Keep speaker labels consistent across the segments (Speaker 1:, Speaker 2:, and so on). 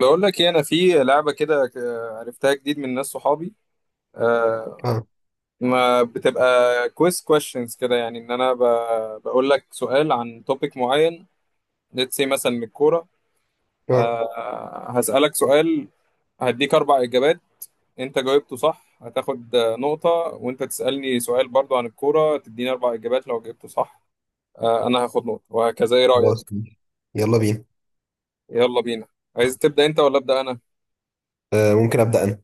Speaker 1: بقول لك ايه، انا في لعبه كده، عرفتها جديد من ناس صحابي. آه،
Speaker 2: اه
Speaker 1: ما بتبقى كويس كويشنز كده، يعني ان انا بقول لك سؤال عن توبيك معين. ليتس سي مثلا من الكوره.
Speaker 2: اه
Speaker 1: هسألك سؤال، هديك اربع اجابات. انت جاوبته صح هتاخد نقطه، وانت تسألني سؤال برضو عن الكوره، تديني اربع اجابات. لو جاوبته صح انا هاخد نقطه، وهكذا. ايه
Speaker 2: خلاص
Speaker 1: رأيك؟
Speaker 2: ماشي. يلا بينا.
Speaker 1: يلا بينا. عايز تبدأ انت ولا أبدأ انا؟
Speaker 2: آه ممكن ابدا انا.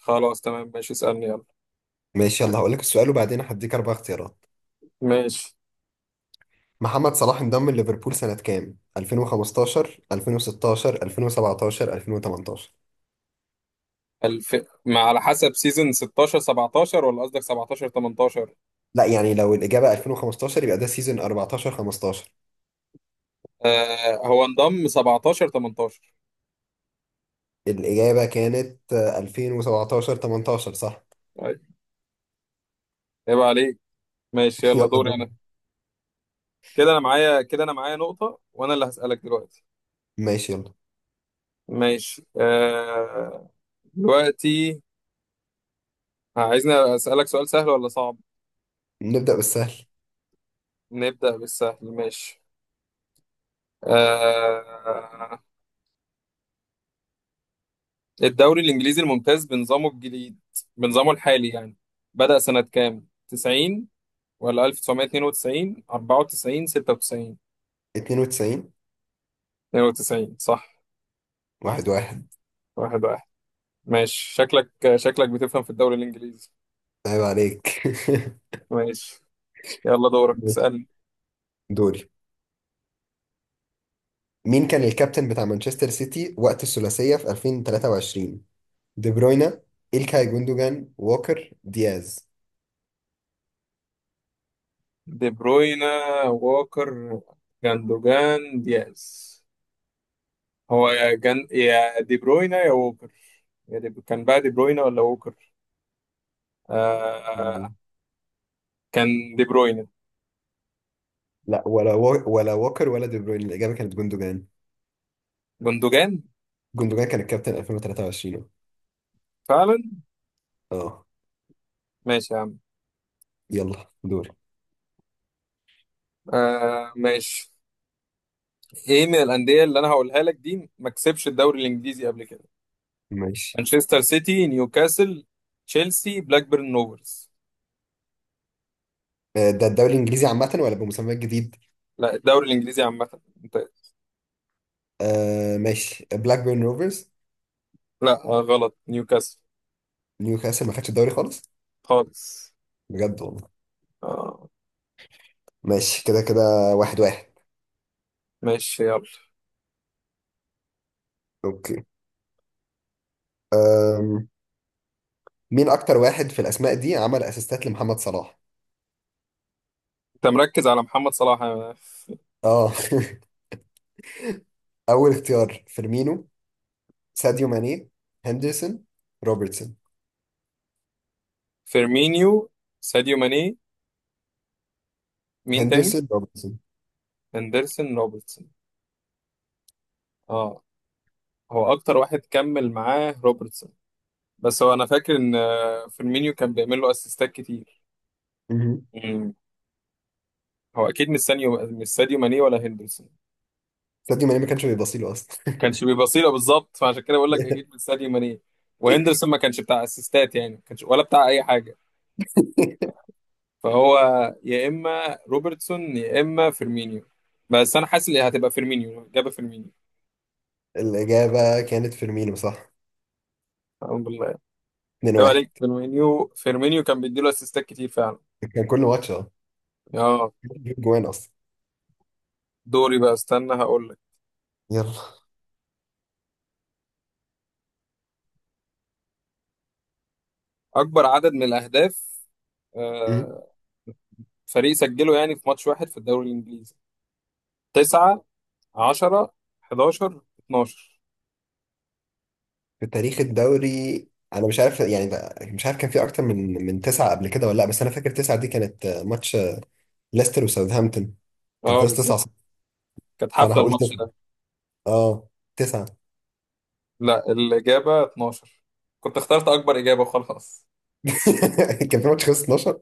Speaker 1: خلاص تمام ماشي، اسألني يلا.
Speaker 2: ماشي يلا هقول لك السؤال وبعدين هديك اربع اختيارات.
Speaker 1: ماشي.
Speaker 2: محمد صلاح انضم لليفربول سنة كام؟ 2015، 2016، 2017، 2018؟
Speaker 1: الف... ما على حسب، سيزون 16 17 ولا قصدك 17 18؟
Speaker 2: لا يعني لو الإجابة 2015 يبقى ده سيزون 14 15.
Speaker 1: آه، هو انضم 17 18.
Speaker 2: الإجابة كانت 2017 18، صح؟
Speaker 1: طيب، عيب عليك. ماشي يلا،
Speaker 2: يلا
Speaker 1: دوري
Speaker 2: دور.
Speaker 1: انا. كده انا معايا نقطة، وانا اللي هسألك دلوقتي.
Speaker 2: ماشي يلا،
Speaker 1: ماشي آه، دلوقتي عايزني اسألك سؤال سهل ولا صعب؟
Speaker 2: نبدأ بالسهل.
Speaker 1: نبدأ بالسهل ماشي. آه، الدوري الانجليزي الممتاز بنظامه الجديد، بنظامه الحالي يعني، بدأ سنة كام؟ 90 ولا 1992 94 96؟
Speaker 2: 92.
Speaker 1: 92 صح.
Speaker 2: واحد واحد.
Speaker 1: واحد واحد. ماشي، شكلك بتفهم في الدوري الإنجليزي.
Speaker 2: عيب عليك.
Speaker 1: ماشي، يلا دورك اسألني.
Speaker 2: دوري. مين كان الكابتن بتاع مانشستر سيتي وقت الثلاثية في 2023؟ دي بروينا، إلكاي جوندوجان، ووكر، دياز.
Speaker 1: دي بروينا، ووكر، جاندوجان، دياز. هو يا يا دي بروينا يا ووكر. يا كان بقى دي بروينا ولا ووكر؟
Speaker 2: مم.
Speaker 1: آه... كان دي بروينا.
Speaker 2: لا ولا ولا ووكر ولا دي بروين. الإجابة كانت جوندوجان.
Speaker 1: جندوجان،
Speaker 2: جوندوجان كان الكابتن 2023.
Speaker 1: فعلا.
Speaker 2: اه
Speaker 1: ماشي يا عم.
Speaker 2: يلا دور.
Speaker 1: ماشي. ايه من الأندية اللي انا هقولها لك دي ما كسبش الدوري الإنجليزي قبل كده؟
Speaker 2: ماشي
Speaker 1: مانشستر سيتي، نيوكاسل، تشيلسي، بلاك بيرن روفرز.
Speaker 2: ده الدوري الإنجليزي عامة ولا بمسمى جديد؟
Speaker 1: لا، الدوري الانجليزي عامه انت.
Speaker 2: آه ماشي، بلاك بيرن روفرز.
Speaker 1: لا غلط، نيوكاسل.
Speaker 2: نيوكاسل ما خدش الدوري خالص؟
Speaker 1: خالص.
Speaker 2: بجد والله.
Speaker 1: آه،
Speaker 2: ماشي كده كده. واحد واحد.
Speaker 1: ماشي يلا.
Speaker 2: اوكي. أم... مين أكتر واحد في الأسماء دي عمل أسيستات لمحمد صلاح؟
Speaker 1: انت مركز على محمد صلاح
Speaker 2: اه. اول اختيار فيرمينو، ساديو ماني، هندرسون، روبرتسون.
Speaker 1: فيرمينيو، ساديو ماني، مين تاني؟
Speaker 2: هندرسون روبرتسون.
Speaker 1: هندرسون، روبرتسون. اه، هو اكتر واحد كمل معاه روبرتسون، بس هو انا فاكر ان فيرمينيو كان بيعمل له اسيستات كتير.
Speaker 2: مهم.
Speaker 1: مم. هو اكيد مش سانيو، مش ساديو ماني ولا هندرسون.
Speaker 2: ساديو ماني ما كانش بيبصي له اصلا.
Speaker 1: كانش بيبقى صيله بالظبط، فعشان كده بقول لك اكيد من ساديو ماني. وهندرسون ما كانش بتاع اسيستات، يعني ما كانش ولا بتاع اي حاجه. فهو يا اما روبرتسون يا اما فيرمينيو، بس انا حاسس ان هتبقى فيرمينيو. اجابه فيرمينيو.
Speaker 2: الاجابه كانت فيرمينو، صح.
Speaker 1: الحمد لله. ايوه
Speaker 2: 2-1.
Speaker 1: عليك، فيرمينيو فيرمينيو كان بيديله اسيستات كتير فعلا.
Speaker 2: كان كل ماتش اه
Speaker 1: اه.
Speaker 2: بيجيب جوان اصلا.
Speaker 1: دوري بقى، استنى هقول لك.
Speaker 2: يلا.
Speaker 1: اكبر عدد من الاهداف،
Speaker 2: مهم.
Speaker 1: آه، فريق سجله يعني في ماتش واحد في الدوري الانجليزي. 9، 10، 11، 12.
Speaker 2: في تاريخ الدوري انا مش عارف مش عارف كان في اكتر من تسعه قبل كده ولا لا. بس انا فاكر تسعه دي كانت ماتش ليستر وساوثهامبتون. كان
Speaker 1: اه
Speaker 2: خلص 9
Speaker 1: بالظبط،
Speaker 2: صفر.
Speaker 1: كانت
Speaker 2: فانا
Speaker 1: حفله
Speaker 2: هقول
Speaker 1: الماتش
Speaker 2: تسعه.
Speaker 1: ده.
Speaker 2: اه تسعه.
Speaker 1: لا، الإجابة 12. كنت اخترت أكبر إجابة وخلاص.
Speaker 2: كان في ماتش خلص 12.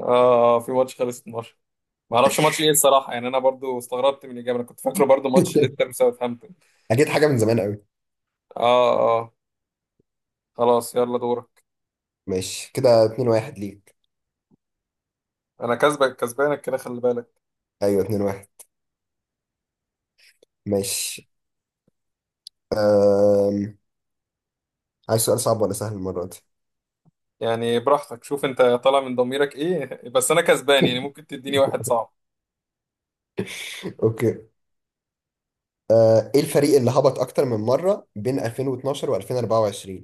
Speaker 1: آه، في ماتش خلص 12. ما اعرفش ماتش ايه الصراحة، يعني انا برضو استغربت من الإجابة، انا كنت فاكره برضو ماتش ليستر وساوثهامبتون.
Speaker 2: اكيد حاجه من زمان قوي.
Speaker 1: اه. اه. خلاص يلا دورك.
Speaker 2: ماشي كده 2 1 ليك.
Speaker 1: انا كسبك، كسبانك كده خلي بالك.
Speaker 2: ايوه 2 1. ماشي. أم... عايز سؤال صعب ولا سهل المره دي؟
Speaker 1: يعني براحتك، شوف انت طالع من ضميرك ايه. بس انا كسبان يعني، ممكن تديني واحد صعب.
Speaker 2: اوكي. ايه الفريق اللي هبط اكتر من مره بين 2012 و2024؟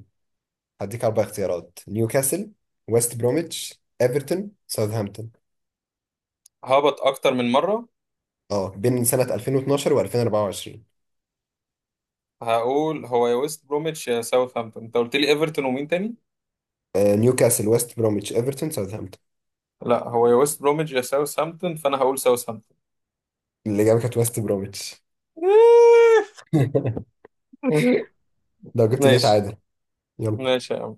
Speaker 2: هديك اربع اختيارات: نيوكاسل، ويست بروميتش، ايفرتون، ساوثهامبتون.
Speaker 1: ههبط اكتر من مرة.
Speaker 2: اه بين سنه 2012 و2024.
Speaker 1: هقول هو يا ويست بروميتش يا ساوثهامبتون. انت قلت لي ايفرتون ومين تاني؟
Speaker 2: نيوكاسل، ويست بروميتش، ايفرتون، ساوثهامبتون.
Speaker 1: لا، هو يا ويست بروميتش يا ساوثهامبتون، فانا هقول ساوثهامبتون.
Speaker 2: الاجابه كانت ويست بروميتش. لو جبت دي
Speaker 1: ماشي.
Speaker 2: تعادل. يلا.
Speaker 1: ماشي يا عم.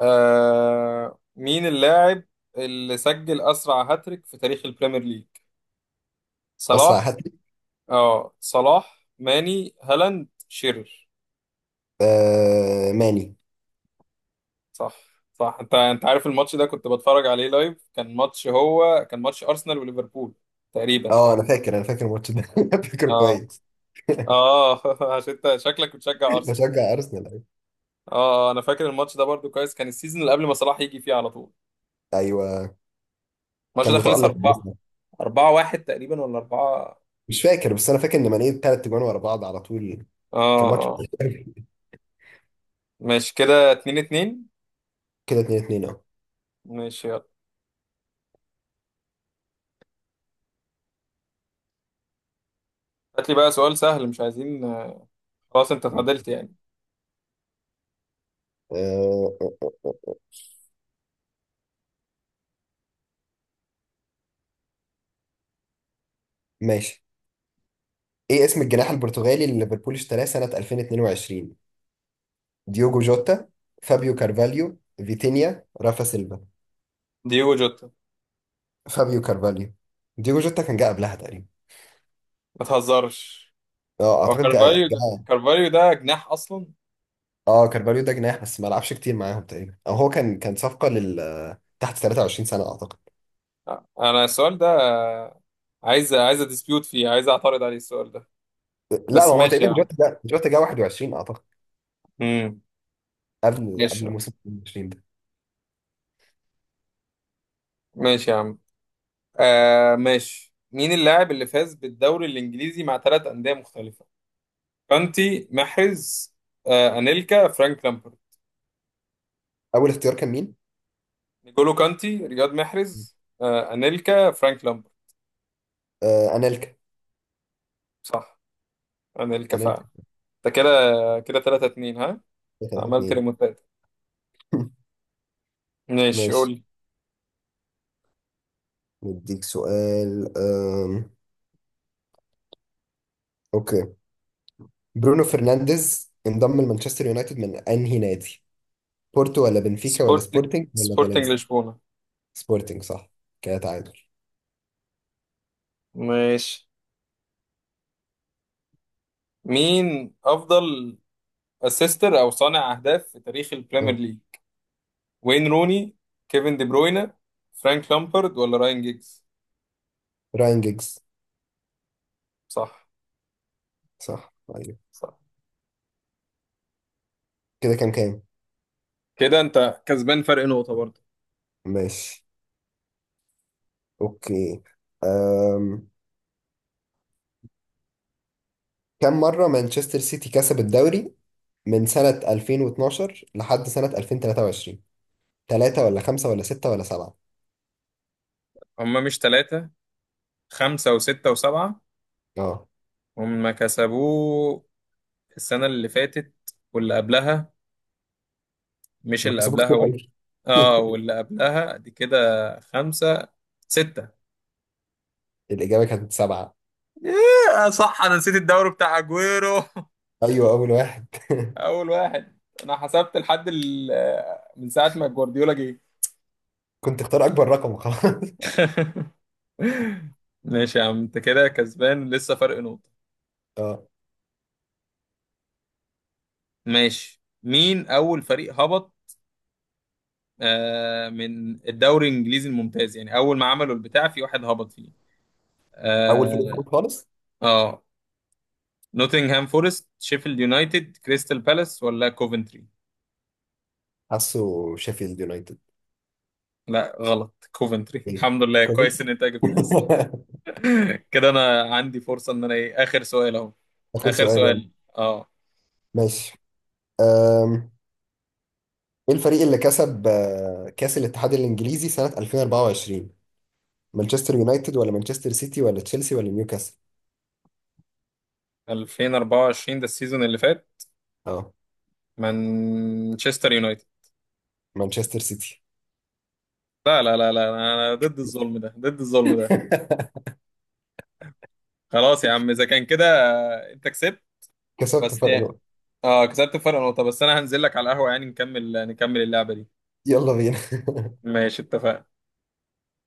Speaker 1: آه، مين اللاعب اللي سجل أسرع هاتريك في تاريخ البريمير ليج؟
Speaker 2: اسرع
Speaker 1: صلاح؟
Speaker 2: هات لي.
Speaker 1: اه، صلاح، ماني، هالاند، شيرر.
Speaker 2: ماني.
Speaker 1: صح. صح. انت عارف الماتش ده، كنت بتفرج عليه لايف. كان ماتش، هو كان ماتش أرسنال وليفربول تقريبا.
Speaker 2: اه انا فاكر الماتش ده. فاكره
Speaker 1: اه
Speaker 2: كويس.
Speaker 1: اه. عشان انت شكلك بتشجع أرسنال.
Speaker 2: بشجع ارسنال، أيوة.
Speaker 1: اه. آه، انا فاكر الماتش ده برضو كويس. كان السيزون اللي قبل ما صلاح يجي فيه على طول.
Speaker 2: ايوه
Speaker 1: الماتش
Speaker 2: كان
Speaker 1: ده خلص
Speaker 2: متالق
Speaker 1: 4،
Speaker 2: بارسنال.
Speaker 1: 4 1 تقريبا ولا 4.
Speaker 2: مش فاكر، بس انا فاكر ان ماني ثلاث تجوان ورا بعض على طول.
Speaker 1: اه
Speaker 2: كان ماتش وحش
Speaker 1: آه.
Speaker 2: أوي.
Speaker 1: ماشي، كده اتنين اتنين.
Speaker 2: كده 2 2. اه
Speaker 1: ماشي يلا. هات لي بقى سؤال سهل، مش عايزين. خلاص انت اتعدلت
Speaker 2: ماشي.
Speaker 1: يعني.
Speaker 2: آه، آه، آه، آه. ماشي. ايه اسم الجناح البرتغالي اللي ليفربول اشتراه سنة 2022؟ ديوجو جوتا، فابيو كارفاليو، فيتينيا، رافا سيلفا.
Speaker 1: دييجو جوتا.
Speaker 2: فابيو كارفاليو. ديوجو جوتا كان جه قبلها تقريبا.
Speaker 1: ما تهزرش.
Speaker 2: اه
Speaker 1: هو
Speaker 2: اعتقد جه
Speaker 1: كارفاليو ده،
Speaker 2: جه
Speaker 1: كارفاليو ده جناح اصلا؟
Speaker 2: اه كارفاليو ده جناح بس ما لعبش كتير معاهم تقريبا، او هو كان صفقه لل تحت 23 سنه اعتقد.
Speaker 1: انا السؤال ده عايز اديسبيوت فيه، عايز اعترض عليه السؤال ده،
Speaker 2: لا ما
Speaker 1: بس
Speaker 2: هو
Speaker 1: ماشي
Speaker 2: تقريبا،
Speaker 1: يا عم.
Speaker 2: جوتا جا 21 اعتقد.
Speaker 1: امم.
Speaker 2: قبل
Speaker 1: ماشي يا
Speaker 2: قبل
Speaker 1: عم
Speaker 2: موسم 22 ده.
Speaker 1: ماشي يا عم. آه ماشي. مين اللاعب اللي فاز بالدوري الانجليزي مع ثلاث انديه مختلفه؟ كانتي، محرز، آه انيلكا، فرانك لامبرد.
Speaker 2: اول اختيار كان مين؟
Speaker 1: نيجولو كانتي، رياض محرز، انيلكا، فرانك لامبر.
Speaker 2: آه انيلكا.
Speaker 1: صح، انيلكا فعلا.
Speaker 2: انيلكا.
Speaker 1: ده كده، كده 3 2. ها،
Speaker 2: 3
Speaker 1: عملت
Speaker 2: 2.
Speaker 1: ريموتات. ماشي قول
Speaker 2: ماشي
Speaker 1: لي.
Speaker 2: نديك سؤال. اوكي. برونو فرنانديز انضم لمانشستر يونايتد من انهي نادي؟ بورتو ولا بنفيكا ولا
Speaker 1: سبورت،
Speaker 2: سبورتنج ولا
Speaker 1: سبورتنج
Speaker 2: فالنسيا؟
Speaker 1: لشبونه.
Speaker 2: سبورتنج. صح. كده تعادل.
Speaker 1: ماشي. مين افضل اسيستر او صانع اهداف في تاريخ البريمير
Speaker 2: آه.
Speaker 1: ليج؟ وين روني، كيفن دي بروينا، فرانك لامبرد، ولا راين جيجز؟
Speaker 2: راين جيجز.
Speaker 1: صح.
Speaker 2: صح ايوه.
Speaker 1: صح.
Speaker 2: كده كام كام؟
Speaker 1: كده انت كسبان فرق نقطه برضه.
Speaker 2: ماشي. اوكي. أم... كم مرة مانشستر سيتي كسب الدوري من سنة 2012 لحد سنة 2023؟ ثلاثة ولا خمسة ولا ستة ولا سبعة؟
Speaker 1: هما مش ثلاثه، خمسه وسته وسبعه.
Speaker 2: اه
Speaker 1: هما كسبوه السنة اللي فاتت، واللي قبلها، مش
Speaker 2: ما
Speaker 1: اللي
Speaker 2: كسبوا
Speaker 1: قبلها
Speaker 2: كتير قوي.
Speaker 1: اه، واللي قبلها، دي كده خمسة. ستة.
Speaker 2: الإجابة كانت سبعة.
Speaker 1: ياه صح، أنا نسيت الدوري بتاع أجويرو.
Speaker 2: أيوة أول واحد.
Speaker 1: أول واحد. أنا حسبت لحد من ساعة ما جوارديولا جه.
Speaker 2: كنت اختار أكبر رقم خلاص.
Speaker 1: ماشي يا عم، أنت كده كسبان لسه فرق نقطة.
Speaker 2: اه
Speaker 1: ماشي، مين أول فريق هبط آه، من الدوري الإنجليزي الممتاز يعني، أول ما عملوا البتاع، في واحد هبط فيه
Speaker 2: أول فريق
Speaker 1: آه,
Speaker 2: هبوط خالص.
Speaker 1: آه. نوتنغهام فورست، شيفيلد يونايتد، كريستال بالاس، ولا كوفنتري؟
Speaker 2: حاسه شيفيلد يونايتد.
Speaker 1: لا غلط، كوفنتري.
Speaker 2: إيه
Speaker 1: الحمد لله
Speaker 2: كوفنتري؟
Speaker 1: كويس ان انت جبتها صح. كده انا عندي فرصة، ان انا ايه، اخر سؤال اهو.
Speaker 2: آخر
Speaker 1: اخر
Speaker 2: سؤال يلا.
Speaker 1: سؤال. اه.
Speaker 2: ماشي. أم... إيه الفريق اللي كسب كأس الاتحاد الإنجليزي سنة 2024؟ مانشستر يونايتد ولا مانشستر سيتي ولا تشيلسي ولا نيوكاسل؟
Speaker 1: 2024، ده السيزون اللي فات.
Speaker 2: اه
Speaker 1: مانشستر يونايتد.
Speaker 2: مانشستر سيتي.
Speaker 1: لا لا لا لا، انا ضد الظلم ده، ضد الظلم ده. خلاص يا عم، اذا كان كده انت كسبت.
Speaker 2: كسبت
Speaker 1: وبس
Speaker 2: فرق
Speaker 1: يعني.
Speaker 2: نقطة.
Speaker 1: اه كسبت فرق نقطة بس، انا هنزل لك على القهوة يعني، نكمل اللعبة دي.
Speaker 2: يلا بينا.
Speaker 1: ماشي، اتفقنا.